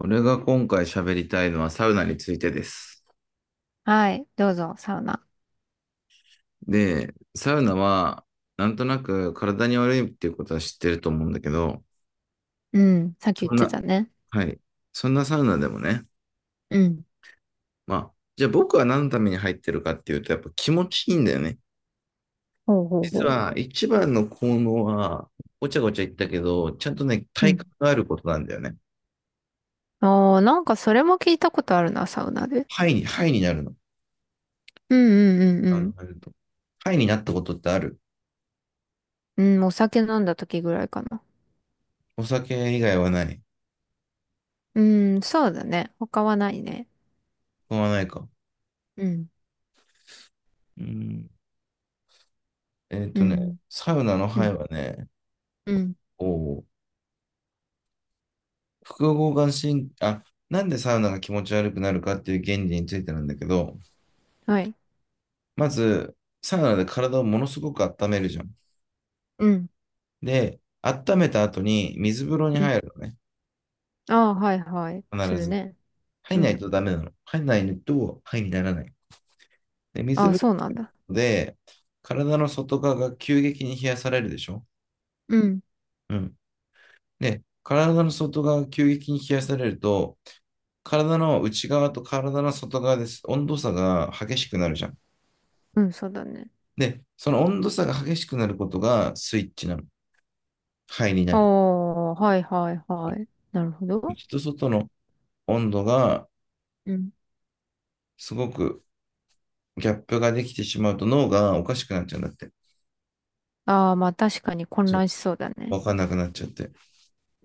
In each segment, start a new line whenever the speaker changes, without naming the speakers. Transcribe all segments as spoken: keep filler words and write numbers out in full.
俺が今回喋りたいのはサウナについてです。
はい。どうぞ、サウナ。
で、サウナは、なんとなく体に悪いっていうことは知ってると思うんだけど、
うん。さっき言っ
そん
て
な、
たね。
はい。そんなサウナでもね、
うん。
まあ、じゃあ僕は何のために入ってるかっていうと、やっぱ気持ちいいんだよね。
ほうほう
実
ほ
は一番の効能は、ごちゃごちゃ言ったけど、ちゃんとね、
う。う
体
ん。
感があることなんだよね。
ああ、なんかそれも聞いたことあるな、サウナで。
ハイに、ハイになるの。
うんうんう
あの、
ん
入ると。ハイになったことってある？
うん。うん、お酒飲んだ時ぐらいかな。
お酒以外はない。
うん、そうだね。他はないね。
他はないか。
うん、
うん。えっ
う
とね、
ん、
サウナの
う
ハイ
ん、
はね、
うん。
おう複合眼神、あ、なんでサウナが気持ち悪くなるかっていう原理についてなんだけど、
はい。
まず、サウナで体をものすごく温めるじゃん。
うん、
で、温めた後に水風呂に
うん。
入るのね、
ああ、はいはい。す
必
る
ず。
ね。
入ん
う
ない
ん。
とダメなの。入んないと、肺にならない。で、水
ああ、
風
そうなんだ。
呂で、体の外側が急激に冷やされるでしょ？
うん、
うん。で、体の外側が急激に冷やされると、体の内側と体の外側です。温度差が激しくなるじゃん。
うん、そうだね。
で、その温度差が激しくなることがスイッチなの。肺にな
あ
る。
あ、はいはいはい。なるほど。
内と外の温度が
うん。
すごくギャップができてしまうと脳がおかしくなっちゃうんだって。
ああ、まあ確かに混
そう。
乱しそうだね。
わかんなくなっちゃって。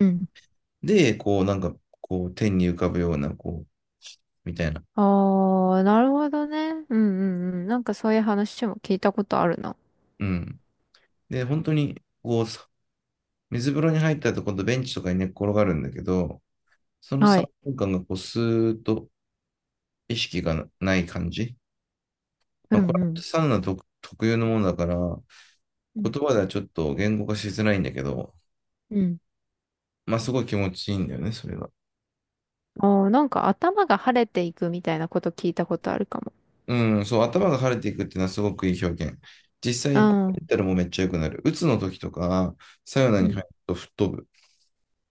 うん。
で、こうなんか、こう天に浮かぶような、こう、みたいな。
ああ、なるほどね。うんうんうん。なんかそういう話も聞いたことあるな。
うん。で、本当に、こう、水風呂に入ったと今度ベンチとかに寝っ転がるんだけど、その
は
3
い。
分間がこうスーッと意識がない感じ。
う
まあ、これ
んうん。
はサウナ特、特有のものだから、言
うん
葉ではちょっと言語化しづらいんだけど、
うん。
まあすごい気持ちいいんだよね、それが。
ああ、なんか頭が晴れていくみたいなこと聞いたことあるかも。
うん、そう、頭が晴れていくっていうのはすごくいい表現。実
う
際、こう
ん。
メったらもうめっちゃ良くなる。鬱の時とか、サウナに入ると吹っ飛ぶ。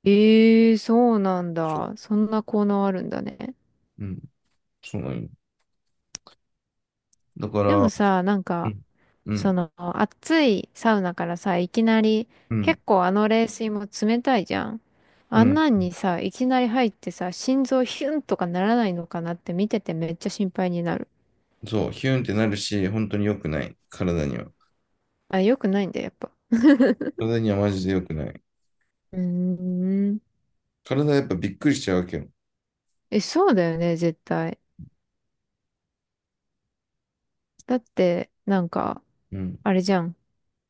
ええー、そうなん
そう、
だ。そんな効能あるんだね。
うん、そうなんよ。だか
でも
ら、
さ、なん
う
か、
ん、う
そ
ん、
の、暑いサウナからさ、いきなり、
うん、
結構あの冷水も冷たいじゃん。
う
あん
ん、
なんにさ、いきなり入ってさ、心臓ヒュンとかならないのかなって見ててめっちゃ心配になる。
そう、ヒュンってなるし、本当に良くない、体には。
あ、良くないんだよ、やっぱ。
体にはマジで良くない。
うーん。
体やっぱびっくりしちゃうわけよ。
え、そうだよね、絶対。だって、なんか、
うん、
あれじゃん。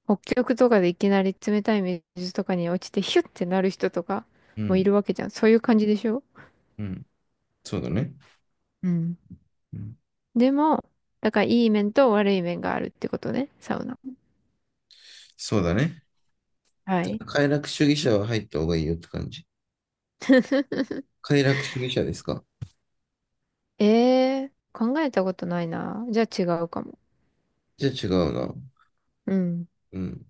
北極とかでいきなり冷たい水とかに落ちてヒュッてなる人とか
う
もい
ん、
るわけじゃん。そういう感じでしょ？
うん。そうだね。
うん。
うん
でも、だからいい面と悪い面があるってことね、サウナ。
そうだね。
はい。
快楽主義者は入った方がいいよって感じ。快楽主義者ですか？
えー、考えたことないな。じゃあ違うかも。
じゃあ違うな。
うん。
うん。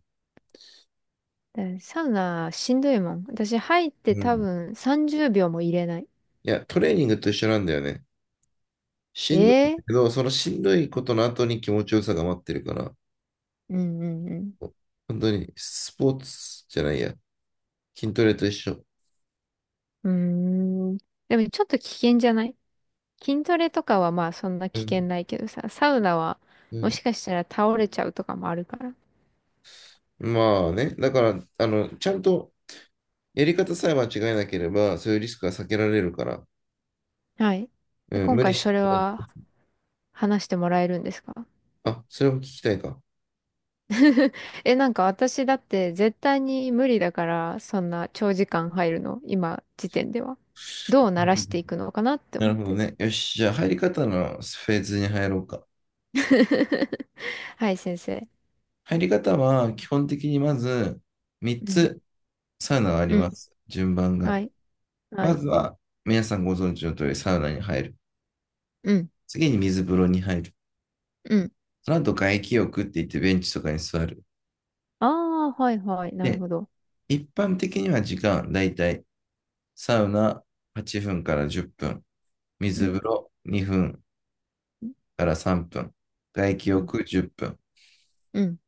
でサウナしんどいもん。私入って
う
多
ん。
分さんじゅうびょうも入れない。
いや、トレーニングと一緒なんだよね。し
え
んどい
ー。
けど、そのしんどいことの後に気持ちよさが待ってるから、
うんうんうん。
本当にスポーツじゃないや。筋トレと一緒。
うーん。でもちょっと危険じゃない？筋トレとかはまあそんな
う
危
ん。
険ないけどさ、サウナは
う
も
ん。
しかしたら倒れちゃうとかもあるから。
まあね、だから、あの、ちゃんとやり方さえ間違えなければ、そういうリスクは避けられるから、
はい。で、
うん、
今
無理
回そ
し
れ
ない。
は話してもらえるんですか？
あ、それを聞きたいか。
え、なんか私だって絶対に無理だから、そんな長時間入るの、今時点では。どう
う
慣らし
ん、
ていくのかなって
なる
思っ
ほど
て。
ね。よし、じゃあ入り方のフェーズに入ろうか。
はい、先生。
入り方は基本的にまず3
うん。
つサウナがあり
う
ま
ん。
す。順番が。
はい。は
ま
い。
ずは皆さんご存知の通りサウナに入る。
うん。
次に水風呂に入る。
うん。
その後外気浴って言ってベンチとかに座る。
ああ、はいはい。なる
で、
ほど。
一般的には時間、だいたいサウナはっぷんからじゅっぷん、
う
水風
ん。
呂にふん
うん。
からさんぷん、外気
う
浴じゅっぷん
ん。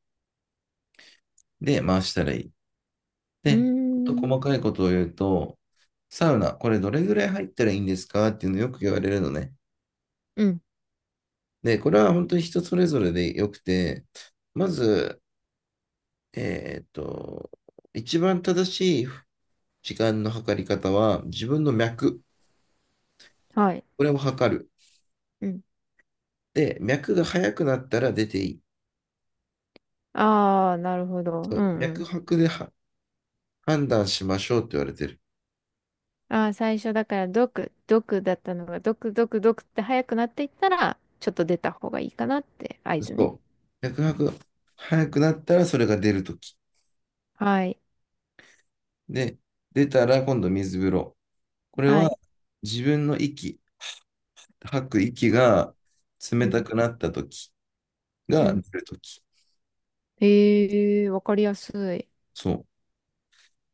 で回したらいい。
うー
で、ちょっと
ん。
細かいことを言うと、サウナ、これどれぐらい入ったらいいんですかっていうのよく言われるのね。
うん。
で、これは本当に人それぞれでよくて、まず、えっと、一番正しい時間の測り方は、自分の脈、
はい。
これを測る。
うん。
で、脈が速くなったら出ていい。
ああ、なるほど。う
そう
んう
脈
ん。
拍では判断しましょうって言われてる。
ああ、最初だから、毒、毒だったのが、毒、毒、毒って早くなっていったら、ちょっと出た方がいいかなって合図ね。
そう。脈拍が速くなったらそれが出るとき。
はい。
で、出たら今度水風呂。これ
は
は
い。
自分の息、吐く息が
う
冷た
ん。
くなった時
う
が出
ん。
る時。
へえ、わかりやすい。
そう。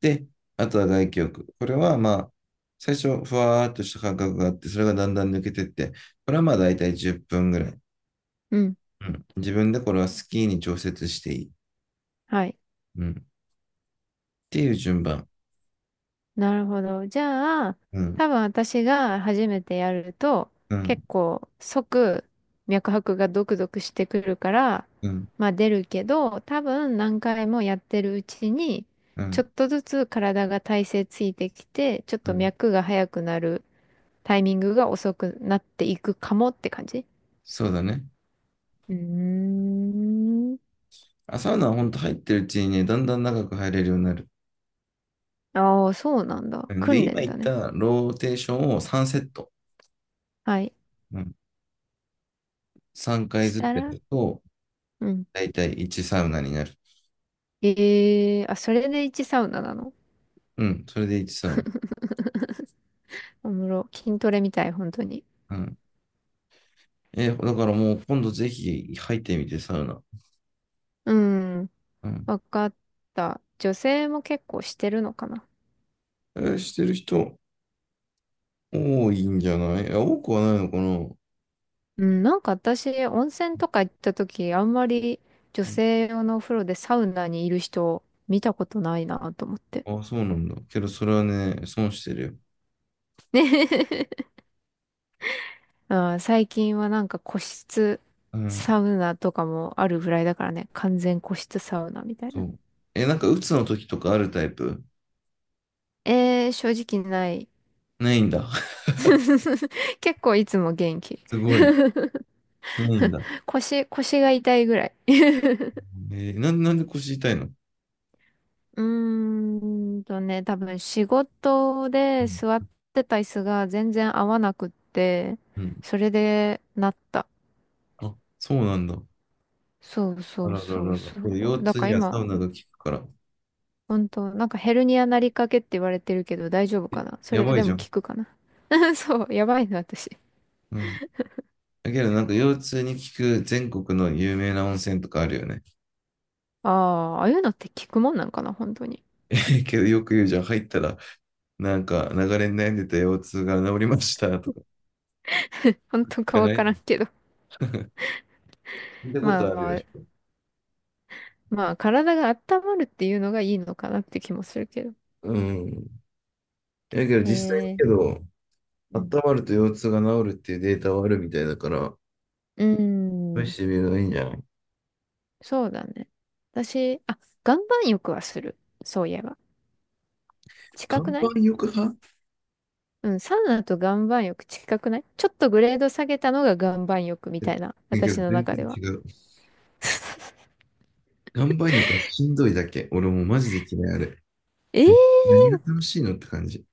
で、あとは外気浴。これはまあ、最初、ふわーっとした感覚があって、それがだんだん抜けてって、これはまあ大体じゅっぷんぐらい。
うん。
うん。自分でこれはスキーに調節していい。
はい。
うん。っていう順番。
なるほど。じゃあ、
うん。
多分私が初めてやると、
うん。
結構即脈拍がドクドクしてくるから、
うん。
まあ出るけど、多分何回もやってるうちに、
う
ちょっ
ん。
とずつ体が体勢ついてきて、ちょっ
う
と
ん。
脈が速くなるタイミングが遅くなっていくかもって感じ。
そうだね。
うーん。
あ、サウナは本当入ってるうちにね、だんだん長く入れるようになる。
ああ、そうなんだ。
うんで、
訓
今
練
言っ
だね。
たローテーションをさんセット。
はい。
うんさんかい
し
ずつ
た
や
ら、
ると、
うん。
だいたいいちサウナになる。
ええーあ、それでいちサウナサウナなの？
うん、それでいちサウ
おもろ。筋トレみたい、本当に。
ナ。うん。え、だからもう今度ぜひ入ってみて、サウナ。
うん。
うん。
わかった。女性も結構してるのかな。
えーしてる人多いんじゃない？いや多くはないのかな、
うん、なんか私、温泉とか行った時、あんまり女
うん、
性用のお風呂でサウナにいる人見たことないなと思って。
あ、そうなんだ。けどそれはね、損してるよ。
ね。 あー、最近はなんか個室
うん、
サウナとかもあるぐらいだからね、完全個室サウナみたい
そ
な。
う。え、なんか鬱の時とかあるタイプ？
えー、正直ない。
ないんだ。
結構いつも元気。
すごい。ないんだ。
腰、腰が痛いぐらい。
えー、なんなんで腰痛いの？
うーんとね、多分仕事
う
で
ん
座ってた椅子が全然合わなくって、
うん。
それでなった。
あ、そうなんだ。
そう
あ
そう
らら
そう
らら。
そ
え腰
う。だ
痛
から
にはサウ
今、
ナが効くから。
本当なんかヘルニアなりかけって言われてるけど大丈夫
え
かな？そ
や
れ
ばい
で
じ
も
ゃ
効
ん。
くかな？ そう、やばいな、私。
うん。だけどなんか腰痛に効く全国の有名な温泉とかあるよね。
ああ、ああいうのって効くもんなんかな本当に。
けどよく言うじゃん、入ったらなんか流れに悩んでた腰痛が治りましたとか聞
本当か
か
わ
ない
か
な。
ら
聞
んけど。
いたこ
ま
と
あ
あるよ。
まあ、まあ体が温まるっていうのがいいのかなって気もするけど。
うん。だけど
え
実際に
ー、
けど、
うん。
温まると腰痛が治るっていうデータはあるみたいだから、
うー
試
ん。
してみるのがいいんじゃない？
そうだね。私、あ、岩盤浴はする。そういえば。近
岩
くない？
盤浴派っ
うん、サウナと岩盤浴近くない？ちょっとグレード下げたのが岩盤浴み
て
たいな、
言うけ
私
ど
の
全
中
然
で
違
は。
う。岩盤浴はしんどいだけ。俺もうマジで嫌いあれ。
えー、
え何が楽しいのって感じ。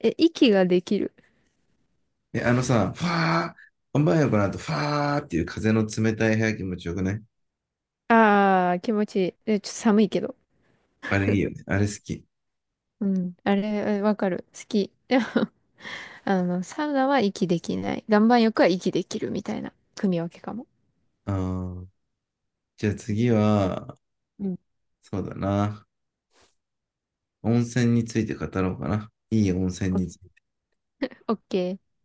え、息ができる。
え、あのさ、ファー、本番よこなと、ファーっていう風の冷たい部屋気持ちよくない？
あー、気持ちいい。え、ちょっと寒いけど。
あれいいよね。あれ好き。
うん、あれ、え、わかる。好き。でも、あの、サウナは息できない。岩盤浴は息できるみたいな組み分けかも。
あー、じゃあ次は、
うん。
そうだな。温泉について語ろうかな。いい温泉
オ
について。
オッケー。